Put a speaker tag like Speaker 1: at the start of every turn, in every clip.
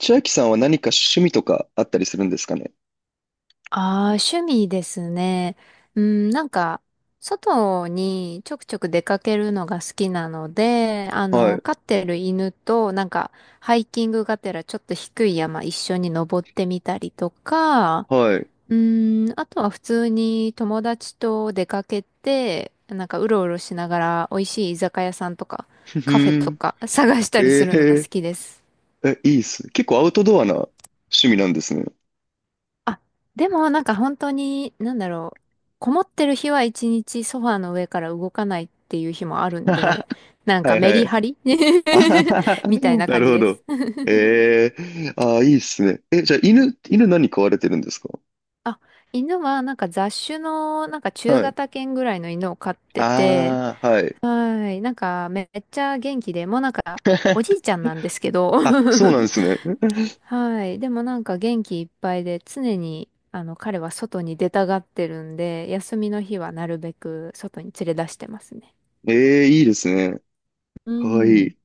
Speaker 1: 千秋さんは何か趣味とかあったりするんですかね？
Speaker 2: ああ、趣味ですね。うん、外にちょくちょく出かけるのが好きなので、
Speaker 1: はい、
Speaker 2: 飼ってる犬と、ハイキングがてらちょっと低い山一緒に登ってみたりとか、
Speaker 1: はい。
Speaker 2: うん、あとは普通に友達と出かけて、うろうろしながら美味しい居酒屋さんとか、
Speaker 1: ふふ
Speaker 2: カフェ
Speaker 1: ー
Speaker 2: と
Speaker 1: ん。
Speaker 2: か探したりす
Speaker 1: え
Speaker 2: るのが好
Speaker 1: え
Speaker 2: きです。
Speaker 1: え、いいっすね、結構アウトドアな趣味なんですね。
Speaker 2: あ、でも本当に、こもってる日は一日ソファーの上から動かないっていう日もあるんで、なん
Speaker 1: は
Speaker 2: か
Speaker 1: い
Speaker 2: メ
Speaker 1: は
Speaker 2: リ
Speaker 1: い。
Speaker 2: ハリ
Speaker 1: あはは
Speaker 2: みたい
Speaker 1: は、
Speaker 2: な
Speaker 1: な
Speaker 2: 感
Speaker 1: る
Speaker 2: じ
Speaker 1: ほ
Speaker 2: です。
Speaker 1: ど。えーあーいいっすね。え、じゃあ犬何飼われてるんですか？
Speaker 2: あ、犬は雑種の中
Speaker 1: はい。
Speaker 2: 型犬ぐらいの犬を飼ってて、
Speaker 1: ああ、はい。
Speaker 2: はい、なんかめっちゃ元気で、もうなんかお じいちゃんなんですけど
Speaker 1: あ、そうなんですね。
Speaker 2: はい。でもなんか元気いっぱいで、常に、彼は外に出たがってるんで、休みの日はなるべく外に連れ出してますね。
Speaker 1: ええ、いいですね。
Speaker 2: う
Speaker 1: かわい
Speaker 2: ん。
Speaker 1: い。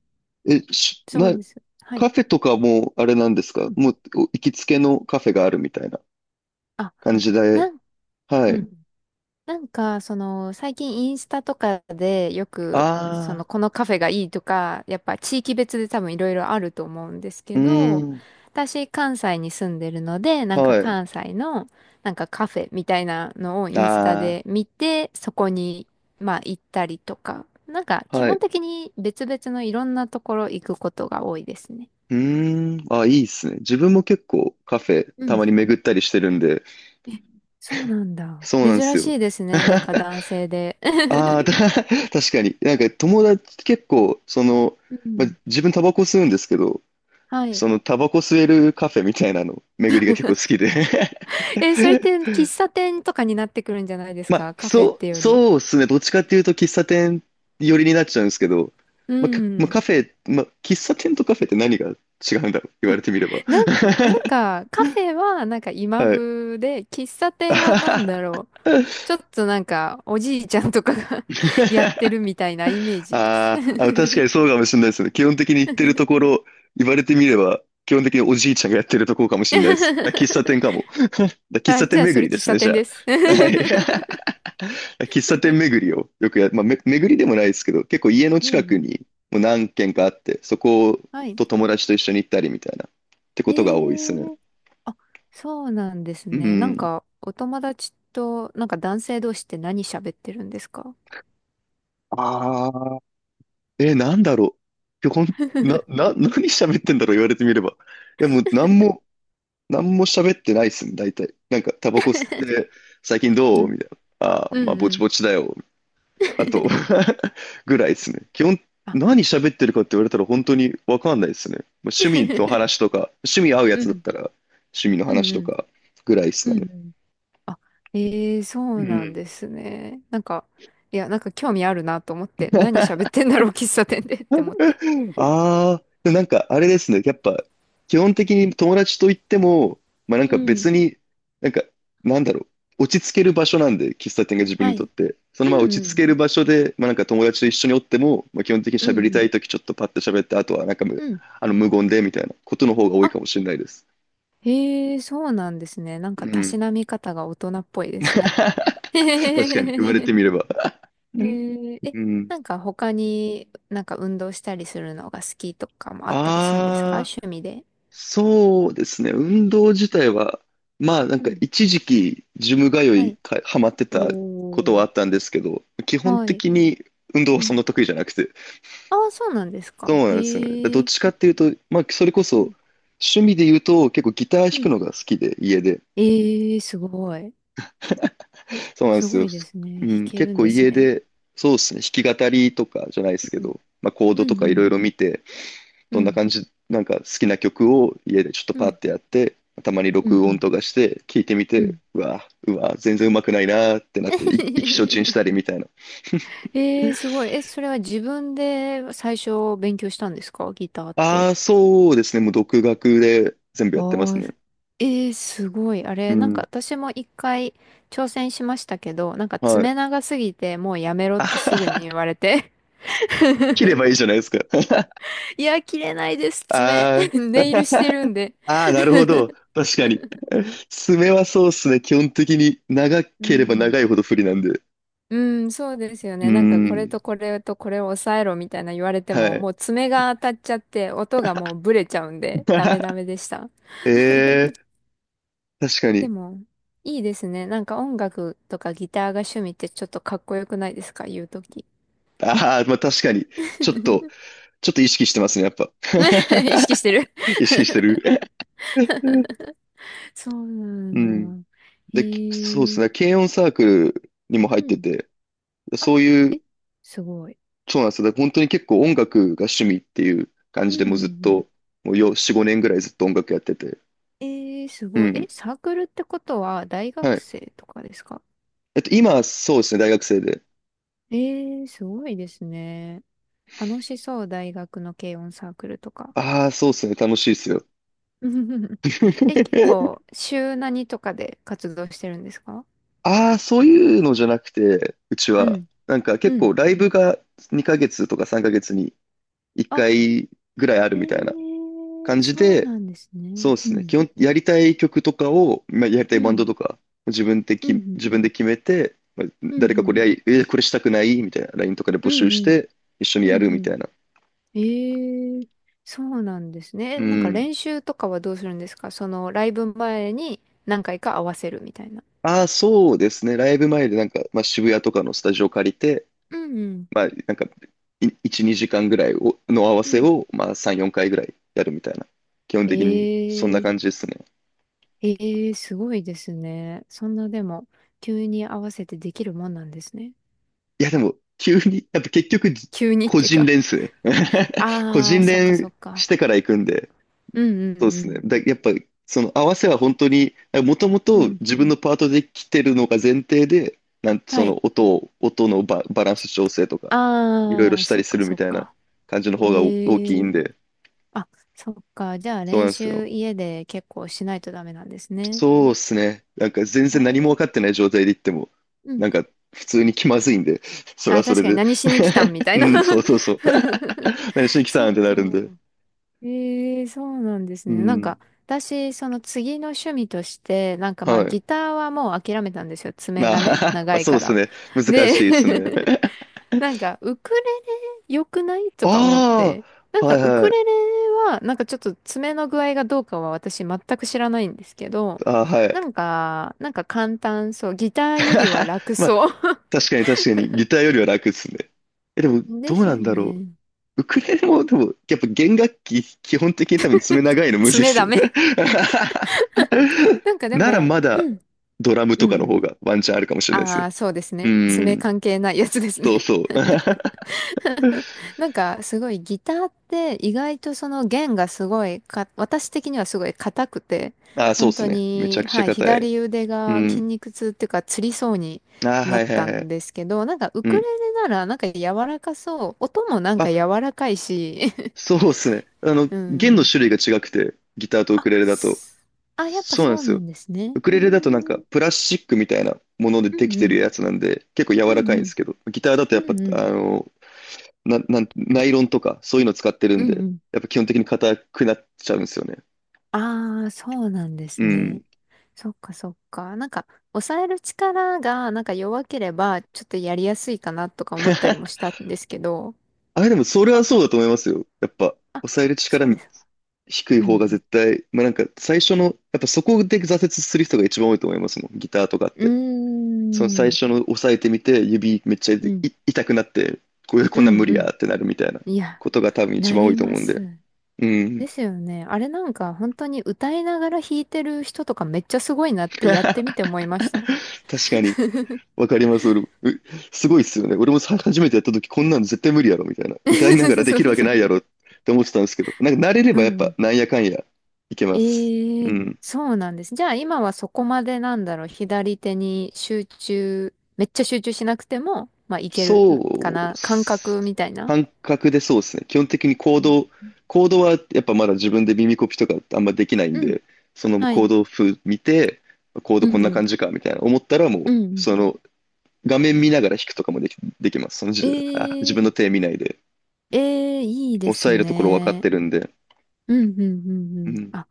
Speaker 1: え、し、
Speaker 2: そう
Speaker 1: な、
Speaker 2: です。はい。
Speaker 1: カフェとかもあれなんです
Speaker 2: う
Speaker 1: か？
Speaker 2: ん。
Speaker 1: もうお行きつけのカフェがあるみたいな、
Speaker 2: あ、
Speaker 1: 感じ
Speaker 2: な
Speaker 1: で、
Speaker 2: ん、
Speaker 1: は
Speaker 2: う
Speaker 1: い。
Speaker 2: ん。最近インスタとかでよく、
Speaker 1: ああ、
Speaker 2: このカフェがいいとか、やっぱ地域別で多分いろいろあると思うんです
Speaker 1: う
Speaker 2: け
Speaker 1: ー
Speaker 2: ど、
Speaker 1: ん、
Speaker 2: 私、関西に住んでるので、なんか
Speaker 1: はい。
Speaker 2: 関西の、なんかカフェみたいなのをインスタ
Speaker 1: あ
Speaker 2: で見て、そこに、まあ行ったりとか、なんか
Speaker 1: あ、
Speaker 2: 基
Speaker 1: は
Speaker 2: 本
Speaker 1: い。
Speaker 2: 的に別々のいろんなところ行くことが多いですね。
Speaker 1: うーん、あ、いいっすね。自分も結構カフェ
Speaker 2: う
Speaker 1: た
Speaker 2: ん。
Speaker 1: まに巡ったりしてるんで、
Speaker 2: え、そうなんだ。
Speaker 1: そうなんです
Speaker 2: 珍し
Speaker 1: よ。
Speaker 2: いですね。なんか男性で。
Speaker 1: ああ、確かに。なんか友達結構、
Speaker 2: う
Speaker 1: ま
Speaker 2: ん。
Speaker 1: 自分タバコ吸うんですけど、
Speaker 2: はい。
Speaker 1: そのタバコ吸えるカフェみたいなの巡りが結構好きで。
Speaker 2: えー、 それって喫茶店とかになってくるんじゃないです
Speaker 1: まあ、
Speaker 2: か？カフェってより。
Speaker 1: そうですね。どっちかっていうと喫茶店寄りになっちゃうんですけど、
Speaker 2: う
Speaker 1: まあ、かまあ、
Speaker 2: ん。
Speaker 1: カフェ、まあ、喫茶店とカフェって何が違うんだろう、言われてみれば。
Speaker 2: なん、なんか、カフェはなんか今
Speaker 1: はい。
Speaker 2: 風で、喫茶店はなんだろう。ちょっとなんか、おじいちゃんとかが やってるみたいなイメージです。
Speaker 1: あーあ、確かにそうかもしれないですね。基本的に行ってるところ、言われてみれば、基本的におじいちゃんがやってるところかもしれないです。あ、喫茶店か も。喫
Speaker 2: あ、
Speaker 1: 茶店
Speaker 2: じゃあそ
Speaker 1: 巡
Speaker 2: れ
Speaker 1: りで
Speaker 2: 喫
Speaker 1: す
Speaker 2: 茶
Speaker 1: ね、じ
Speaker 2: 店
Speaker 1: ゃ
Speaker 2: です。
Speaker 1: あ。はい。喫茶店巡りをよくまあ、巡りでもないですけど、結構家の
Speaker 2: う
Speaker 1: 近
Speaker 2: んう
Speaker 1: く
Speaker 2: ん。
Speaker 1: にもう何軒かあって、そこ
Speaker 2: はい。
Speaker 1: と友達と一緒に行ったりみたいな、って
Speaker 2: え
Speaker 1: ことが多いですね。
Speaker 2: ー、あ、そうなんです
Speaker 1: う
Speaker 2: ね。なん
Speaker 1: ん。
Speaker 2: か、お友達と、なんか男性同士って何喋ってるんですか？
Speaker 1: ああ、え、なんだろう。いやほん、な、な、何喋ってんだろう、言われてみれば。いや、もう、何も、何も喋ってないっすね、大体。なんか、タバコ吸って、最近
Speaker 2: う
Speaker 1: どう
Speaker 2: ん。
Speaker 1: みたいな。ああ、
Speaker 2: う
Speaker 1: まあ、
Speaker 2: ん
Speaker 1: ぼ
Speaker 2: う
Speaker 1: ち
Speaker 2: ん。
Speaker 1: ぼちだよ。あと ぐらいですね。基本、
Speaker 2: あ
Speaker 1: 何喋ってるかって言われたら本当にわかんないですね。まあ趣味の話 とか、趣味合うや
Speaker 2: う
Speaker 1: つだっ
Speaker 2: ん、
Speaker 1: たら 趣味の
Speaker 2: う
Speaker 1: 話
Speaker 2: ん、
Speaker 1: と
Speaker 2: うん、
Speaker 1: かぐらいですか
Speaker 2: う
Speaker 1: ね。
Speaker 2: んうん。あ、ええ、そ
Speaker 1: う
Speaker 2: うなん
Speaker 1: ん。
Speaker 2: ですね。なんか、いや、なんか興味あるなと思って、何 喋ってんだろう、喫茶店で って思って。
Speaker 1: ああ、でもなんかあれですね。やっぱ、基本的に友達といっても、まあなん
Speaker 2: う
Speaker 1: か
Speaker 2: ん、
Speaker 1: 別に、なんか、なんだろう、落ち着ける場所なんで、喫茶店が自分
Speaker 2: は
Speaker 1: にとっ
Speaker 2: い。
Speaker 1: て。そ
Speaker 2: う
Speaker 1: のまま
Speaker 2: ん
Speaker 1: 落ち
Speaker 2: う
Speaker 1: 着
Speaker 2: ん、
Speaker 1: ける場所で、まあなんか友達と一緒におっても、まあ基本的に
Speaker 2: うん
Speaker 1: 喋
Speaker 2: う
Speaker 1: りた
Speaker 2: ん、
Speaker 1: いときちょっとパッと喋って、あとはなんか
Speaker 2: うん。
Speaker 1: あの無言でみたいなことの方が多い
Speaker 2: あ、
Speaker 1: かもしれないです。
Speaker 2: へえ、そうなんですね。なんか、
Speaker 1: う
Speaker 2: たし
Speaker 1: ん。
Speaker 2: なみ方が大人っぽいで すね。
Speaker 1: 確 かに、言われ
Speaker 2: へ
Speaker 1: て
Speaker 2: え。
Speaker 1: みれば。
Speaker 2: え、
Speaker 1: うん。
Speaker 2: なんか他になんか運動したりするのが好きとかもあったりするんですか？
Speaker 1: ああ。
Speaker 2: 趣味で。
Speaker 1: そうですね。運動自体は、まあなん
Speaker 2: う
Speaker 1: か
Speaker 2: ん。
Speaker 1: 一時期ジム通
Speaker 2: は
Speaker 1: い
Speaker 2: い。
Speaker 1: か、ハマってたこと
Speaker 2: お
Speaker 1: は
Speaker 2: ー。
Speaker 1: あったんですけど、基本
Speaker 2: はい。
Speaker 1: 的に運動
Speaker 2: う
Speaker 1: はそ
Speaker 2: ん。
Speaker 1: んな得意じゃなくて。
Speaker 2: ああ、そうなんです
Speaker 1: そ
Speaker 2: か。
Speaker 1: うなんですよね。だからど
Speaker 2: へ
Speaker 1: っ
Speaker 2: え。
Speaker 1: ちかっていうと、まあそれこ
Speaker 2: う
Speaker 1: そ
Speaker 2: ん、
Speaker 1: 趣味で言うと結構ギター弾
Speaker 2: う
Speaker 1: く
Speaker 2: ん、
Speaker 1: のが好きで、家で。
Speaker 2: ええ、すごい。
Speaker 1: そうなんで
Speaker 2: す
Speaker 1: す
Speaker 2: ご
Speaker 1: よ。
Speaker 2: いです
Speaker 1: う
Speaker 2: ね。弾
Speaker 1: ん、
Speaker 2: け
Speaker 1: 結
Speaker 2: るん
Speaker 1: 構
Speaker 2: です
Speaker 1: 家
Speaker 2: ね。
Speaker 1: で、そうですね。弾き語りとかじゃないですけ
Speaker 2: うん、
Speaker 1: ど、まあコー
Speaker 2: う
Speaker 1: ドと
Speaker 2: ん、
Speaker 1: か
Speaker 2: う
Speaker 1: いろ
Speaker 2: ん、
Speaker 1: いろ見て、
Speaker 2: う
Speaker 1: どんな
Speaker 2: ん、
Speaker 1: 感じ、なんか好きな曲を家でちょっと
Speaker 2: う
Speaker 1: パッ
Speaker 2: ん、
Speaker 1: てやって、たまに
Speaker 2: うん、
Speaker 1: 録
Speaker 2: う
Speaker 1: 音
Speaker 2: ん。
Speaker 1: とかして聞いてみ
Speaker 2: う
Speaker 1: て、
Speaker 2: ん
Speaker 1: うわ、うわ、全然うまくないなーってなって、意気消沈し たりみたいな。
Speaker 2: ええ、すごい。え、それは自分で最初勉強したんですか？ギターって。
Speaker 1: ああ、そうですね。もう独学で全部やってます
Speaker 2: ああ、
Speaker 1: ね。
Speaker 2: ええ、すごい。あ
Speaker 1: う
Speaker 2: れ、なんか
Speaker 1: ん。
Speaker 2: 私も一回挑戦しましたけど、なんか
Speaker 1: はい。
Speaker 2: 爪 長すぎてもうやめろっ
Speaker 1: あ
Speaker 2: て
Speaker 1: は
Speaker 2: すぐに言
Speaker 1: は、
Speaker 2: われて。
Speaker 1: 切ればいい じゃないですか。
Speaker 2: いや、切れないです、爪。
Speaker 1: あー
Speaker 2: ネイルしてるん で。
Speaker 1: あー、なるほど。確かに。爪はそうですね。基本的に長
Speaker 2: う
Speaker 1: ければ
Speaker 2: ん、
Speaker 1: 長いほど不利なんで。
Speaker 2: うそうですよ
Speaker 1: うー
Speaker 2: ね。なんかこれ
Speaker 1: ん。
Speaker 2: とこれとこれを抑えろみたいな言われて
Speaker 1: は
Speaker 2: も、
Speaker 1: い。
Speaker 2: もう爪が当たっちゃって音がもうブレちゃうんで、ダメダ メでした。
Speaker 1: ええ、確か
Speaker 2: で
Speaker 1: に。
Speaker 2: も、いいですね。なんか音楽とかギターが趣味ってちょっとかっこよくないですか？言うとき。
Speaker 1: ああ、まあ確かに。ちょっと、ちょっと意識してますね、やっぱ。
Speaker 2: 意識し てる。
Speaker 1: 意識してる。
Speaker 2: そうな
Speaker 1: う
Speaker 2: ん
Speaker 1: ん。
Speaker 2: だ。へ
Speaker 1: で、そうです
Speaker 2: え。
Speaker 1: ね。軽音サークルにも入っ
Speaker 2: う
Speaker 1: て
Speaker 2: ん。
Speaker 1: て、
Speaker 2: あ、
Speaker 1: そうい
Speaker 2: え、
Speaker 1: う、
Speaker 2: すごい。
Speaker 1: そうなんですよ。だから本当に結構音楽が趣味っていう感
Speaker 2: う
Speaker 1: じ
Speaker 2: ん
Speaker 1: で
Speaker 2: うん
Speaker 1: もうずっ
Speaker 2: うん。
Speaker 1: と、もうよ、4、5年ぐらいずっと音楽やってて。
Speaker 2: えー、す
Speaker 1: う
Speaker 2: ごい。え、
Speaker 1: ん。
Speaker 2: サークルってことは大
Speaker 1: は
Speaker 2: 学
Speaker 1: い。
Speaker 2: 生とかですか？
Speaker 1: 今、そうですね、大学生で。
Speaker 2: ええ、すごいですね。楽しそう、大学の軽音サークルとか。
Speaker 1: ああ、そうですね、楽しいですよ。
Speaker 2: え、結 構、週何とかで活動してるんですか？
Speaker 1: ああ、そういうのじゃなくて、うち
Speaker 2: う
Speaker 1: は、
Speaker 2: ん、
Speaker 1: なんか
Speaker 2: う
Speaker 1: 結
Speaker 2: ん。
Speaker 1: 構ライブが2ヶ月とか3ヶ月に1
Speaker 2: あ、
Speaker 1: 回ぐらいあるみたいな
Speaker 2: ええ、
Speaker 1: 感じ
Speaker 2: そう
Speaker 1: で、
Speaker 2: なんですね。
Speaker 1: そうで
Speaker 2: う
Speaker 1: すね。
Speaker 2: ん、
Speaker 1: 基本、やりたい曲とかを、まあ、やりた
Speaker 2: う
Speaker 1: いバンド
Speaker 2: ん、
Speaker 1: とか、自分で
Speaker 2: う
Speaker 1: き、
Speaker 2: ん、
Speaker 1: 自分で決めて、まあ
Speaker 2: う
Speaker 1: 誰
Speaker 2: ん、う
Speaker 1: かこ
Speaker 2: ん、
Speaker 1: れやり、えこれしたくないみたいな、LINE とかで
Speaker 2: う
Speaker 1: 募集
Speaker 2: ん、
Speaker 1: し
Speaker 2: うん、
Speaker 1: て、一緒に
Speaker 2: う
Speaker 1: やる
Speaker 2: ん、う
Speaker 1: み
Speaker 2: ん。
Speaker 1: たいな。
Speaker 2: ええ、そうなんですね。え、
Speaker 1: う
Speaker 2: なんか
Speaker 1: ん。
Speaker 2: 練習とかはどうするんですか？その、ライブ前に何回か合わせるみたいな。
Speaker 1: ああ、そうですね。ライブ前でなんか、まあ、渋谷とかのスタジオ借りて、
Speaker 2: うん、うん、
Speaker 1: まあ、なんか、1、2時間ぐらいをの合わ
Speaker 2: う
Speaker 1: せ
Speaker 2: ん。
Speaker 1: を、まあ、3、4回ぐらいやるみたいな。基本的に、そんな
Speaker 2: え
Speaker 1: 感
Speaker 2: え。
Speaker 1: じですね。
Speaker 2: ええ、すごいですね。そんなでも、急に合わせてできるもんなんですね。
Speaker 1: いや、でも、急に、やっぱ結局、
Speaker 2: 急にっ
Speaker 1: 個
Speaker 2: て
Speaker 1: 人
Speaker 2: か。
Speaker 1: 練っすね。個
Speaker 2: ああ、
Speaker 1: 人
Speaker 2: そっかそ
Speaker 1: 練
Speaker 2: っ
Speaker 1: し
Speaker 2: か。
Speaker 1: てから行くんで、
Speaker 2: うんう
Speaker 1: そうですね。
Speaker 2: ん
Speaker 1: やっぱ、その合わせは本当に、もとも
Speaker 2: うん。う
Speaker 1: と
Speaker 2: ん。
Speaker 1: 自分のパートで来てるのが前提で、
Speaker 2: は
Speaker 1: そ
Speaker 2: い。
Speaker 1: の音のバランス調整とか、いろいろ
Speaker 2: ああ、
Speaker 1: した
Speaker 2: そ
Speaker 1: り
Speaker 2: っ
Speaker 1: す
Speaker 2: か
Speaker 1: るみ
Speaker 2: そっ
Speaker 1: たいな
Speaker 2: か。
Speaker 1: 感じの方がお大
Speaker 2: え
Speaker 1: きいん
Speaker 2: え。
Speaker 1: で、
Speaker 2: あ、そっか。じゃあ
Speaker 1: そう
Speaker 2: 練
Speaker 1: なんです
Speaker 2: 習
Speaker 1: よ。
Speaker 2: 家で結構しないとダメなんですね。
Speaker 1: そうですね。なんか全然何も分
Speaker 2: ええ。
Speaker 1: かってない状態で行っても、
Speaker 2: うん。
Speaker 1: なんか普通に気まずいんで、それは
Speaker 2: あ、
Speaker 1: そ
Speaker 2: 確
Speaker 1: れ
Speaker 2: かに
Speaker 1: で。
Speaker 2: 何しに来たんみ たい
Speaker 1: う
Speaker 2: な
Speaker 1: ん、そうそうそう。何しに 来た
Speaker 2: そ
Speaker 1: ん
Speaker 2: っ
Speaker 1: ってな
Speaker 2: か。
Speaker 1: るんで。
Speaker 2: ええ、そうなんです
Speaker 1: う
Speaker 2: ね。なん
Speaker 1: ん。
Speaker 2: か、私、その次の趣味として、なんかまあ、
Speaker 1: はい。
Speaker 2: ギターはもう諦めたんですよ。爪
Speaker 1: まあ、
Speaker 2: がね、
Speaker 1: まあ、
Speaker 2: 長い
Speaker 1: そう
Speaker 2: か
Speaker 1: です
Speaker 2: ら。
Speaker 1: ね。難しい
Speaker 2: で、
Speaker 1: ですね。
Speaker 2: なんか、ウクレレ良くない とか思っ
Speaker 1: あ
Speaker 2: て。なん
Speaker 1: あ、は
Speaker 2: か、
Speaker 1: い
Speaker 2: ウク
Speaker 1: はい。
Speaker 2: レレは、なんかちょっと爪の具合がどうかは私全く知らないんですけど、
Speaker 1: あーは
Speaker 2: な
Speaker 1: い。
Speaker 2: んか、なんか簡単そう。ギターよりは 楽
Speaker 1: まあ、
Speaker 2: そう。
Speaker 1: 確かに確かに、ギターよりは楽ですね。え、でも、ど
Speaker 2: で
Speaker 1: う
Speaker 2: す
Speaker 1: な
Speaker 2: よ
Speaker 1: んだろ
Speaker 2: ね。
Speaker 1: う。ウクレレも、でも、やっぱ弦楽器、基本的に多分爪長いのむずいっ
Speaker 2: 爪
Speaker 1: す
Speaker 2: ダ
Speaker 1: よ。
Speaker 2: メ。なんかで
Speaker 1: なら
Speaker 2: も、
Speaker 1: まだ、ドラム
Speaker 2: う
Speaker 1: とかの
Speaker 2: ん。
Speaker 1: 方がワンチャンあるかもしれないです
Speaker 2: あ
Speaker 1: ね。
Speaker 2: あ、そうです
Speaker 1: う
Speaker 2: ね。爪
Speaker 1: ん。
Speaker 2: 関係ないやつです
Speaker 1: そう
Speaker 2: ね。
Speaker 1: そう。
Speaker 2: なんかすごいギターって意外とその弦がすごいか、私的にはすごい硬くて、
Speaker 1: あーそう
Speaker 2: 本
Speaker 1: です
Speaker 2: 当
Speaker 1: ね。めちゃ
Speaker 2: に、
Speaker 1: くちゃ
Speaker 2: はい、
Speaker 1: 硬い。
Speaker 2: 左腕
Speaker 1: う
Speaker 2: が筋
Speaker 1: ん。
Speaker 2: 肉痛っていうか、つりそうに
Speaker 1: ああ、
Speaker 2: な
Speaker 1: は
Speaker 2: っ
Speaker 1: いはい
Speaker 2: た
Speaker 1: は
Speaker 2: ん
Speaker 1: い。
Speaker 2: ですけど、なんかウ
Speaker 1: う
Speaker 2: クレ
Speaker 1: ん。
Speaker 2: レならなんか柔らかそう。音もなんか
Speaker 1: あ、
Speaker 2: 柔らかいし。
Speaker 1: そうっすね。
Speaker 2: う
Speaker 1: 弦の
Speaker 2: ん。
Speaker 1: 種類が違くて、ギターとウ
Speaker 2: あ、
Speaker 1: クレレだと。
Speaker 2: すあ、やっぱ
Speaker 1: そうなん
Speaker 2: そ
Speaker 1: で
Speaker 2: う
Speaker 1: す
Speaker 2: な
Speaker 1: よ。
Speaker 2: んですね。
Speaker 1: ウク
Speaker 2: うー
Speaker 1: レレだとなんか
Speaker 2: ん。
Speaker 1: プラスチックみたいなもので
Speaker 2: う
Speaker 1: でき
Speaker 2: んう
Speaker 1: てる
Speaker 2: ん。
Speaker 1: やつなんで、結構柔
Speaker 2: う
Speaker 1: ら
Speaker 2: ん
Speaker 1: かいん
Speaker 2: う
Speaker 1: で
Speaker 2: ん。
Speaker 1: すけど、ギターだとやっ
Speaker 2: う
Speaker 1: ぱ、
Speaker 2: んうん。
Speaker 1: あの、な、なん、ナイロンとかそういうの使ってる
Speaker 2: う
Speaker 1: ん
Speaker 2: ん
Speaker 1: で、
Speaker 2: うん。
Speaker 1: やっぱ基本的に硬くなっちゃうんですよね。
Speaker 2: ああ、そうなんで
Speaker 1: う
Speaker 2: すね。
Speaker 1: ん。
Speaker 2: そっかそっか。なんか、抑える力がなんか弱ければ、ちょっとやりやすいかなとか思ったりもし たんですけど。
Speaker 1: あれでもそれはそうだと思いますよ。やっぱ、
Speaker 2: あ、
Speaker 1: 抑える力
Speaker 2: そうですか。
Speaker 1: 低い
Speaker 2: う
Speaker 1: 方が
Speaker 2: ん。
Speaker 1: 絶対、まあなんか最初の、やっぱそこで挫折する人が一番多いと思いますもん、ギターとかっ
Speaker 2: う
Speaker 1: て。その
Speaker 2: ん。
Speaker 1: 最
Speaker 2: うーん。
Speaker 1: 初の押さえてみて、指めっちゃ
Speaker 2: う
Speaker 1: い
Speaker 2: ん。
Speaker 1: 痛くなって、これ
Speaker 2: う
Speaker 1: こんなん無
Speaker 2: ん
Speaker 1: 理
Speaker 2: う
Speaker 1: や
Speaker 2: ん。
Speaker 1: ってなるみたいな
Speaker 2: いや、
Speaker 1: ことが多分一
Speaker 2: な
Speaker 1: 番多
Speaker 2: り
Speaker 1: いと
Speaker 2: ま
Speaker 1: 思うんで。
Speaker 2: す。
Speaker 1: うん。
Speaker 2: ですよね。あれなんか本当に歌いながら弾いてる人とかめっちゃすごいなってやってみて 思いました。
Speaker 1: 確かに。わかります。俺もうすごいっすよね。俺もさ初めてやった時、こんなの絶対無理やろ、みたいな。歌いながらで
Speaker 2: そう
Speaker 1: きるわけ
Speaker 2: そ
Speaker 1: な
Speaker 2: う。
Speaker 1: いやろって思ってたんですけど、なんか慣れれ
Speaker 2: う
Speaker 1: ば
Speaker 2: ん
Speaker 1: やっ
Speaker 2: う
Speaker 1: ぱ、
Speaker 2: ん。
Speaker 1: なんやかんや、いけます。
Speaker 2: え
Speaker 1: う
Speaker 2: え、
Speaker 1: ん。
Speaker 2: そうなんです。じゃあ今はそこまでなんだろう、左手に集中、めっちゃ集中しなくても、まあいけ
Speaker 1: そ
Speaker 2: るか
Speaker 1: うっ
Speaker 2: な、感覚
Speaker 1: す、
Speaker 2: みたいな。
Speaker 1: 感覚でそうですね。基本的に行
Speaker 2: うん
Speaker 1: 動、行動はやっぱまだ自分で耳コピとかあんまできないん
Speaker 2: うん、
Speaker 1: で、その
Speaker 2: は
Speaker 1: 行
Speaker 2: い。
Speaker 1: 動風見て、コード
Speaker 2: う
Speaker 1: こん
Speaker 2: んう
Speaker 1: な
Speaker 2: ん、
Speaker 1: 感じかみたいな思ったらもう、
Speaker 2: うんうん。
Speaker 1: その画面見ながら弾くとかもできます。その時
Speaker 2: え
Speaker 1: 点で、自
Speaker 2: え、
Speaker 1: 分の手見ないで、
Speaker 2: ええ、いいです
Speaker 1: 抑えるところ分かっ
Speaker 2: ね。
Speaker 1: てるんで。
Speaker 2: うんうん
Speaker 1: う
Speaker 2: うん。
Speaker 1: ん。
Speaker 2: あ、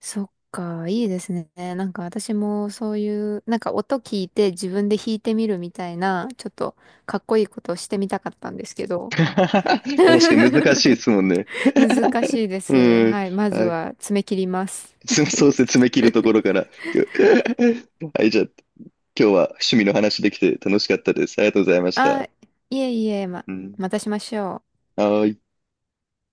Speaker 2: そっか、いいですね。なんか私もそういう、なんか音聞いて自分で弾いてみるみたいな、ちょっとかっこいいことをしてみたかったんですけ ど。
Speaker 1: 確かに難しいで すもんね。
Speaker 2: 難しいです。
Speaker 1: うん。
Speaker 2: はい。まず
Speaker 1: はい。
Speaker 2: は爪切ります。
Speaker 1: そうですね、爪切るところから。はい、じゃあ今日は趣味の話できて楽しかったです。ありがとうございまし
Speaker 2: あ、
Speaker 1: た。
Speaker 2: いえいえ、ま、
Speaker 1: うん。
Speaker 2: またしましょう。
Speaker 1: はーい。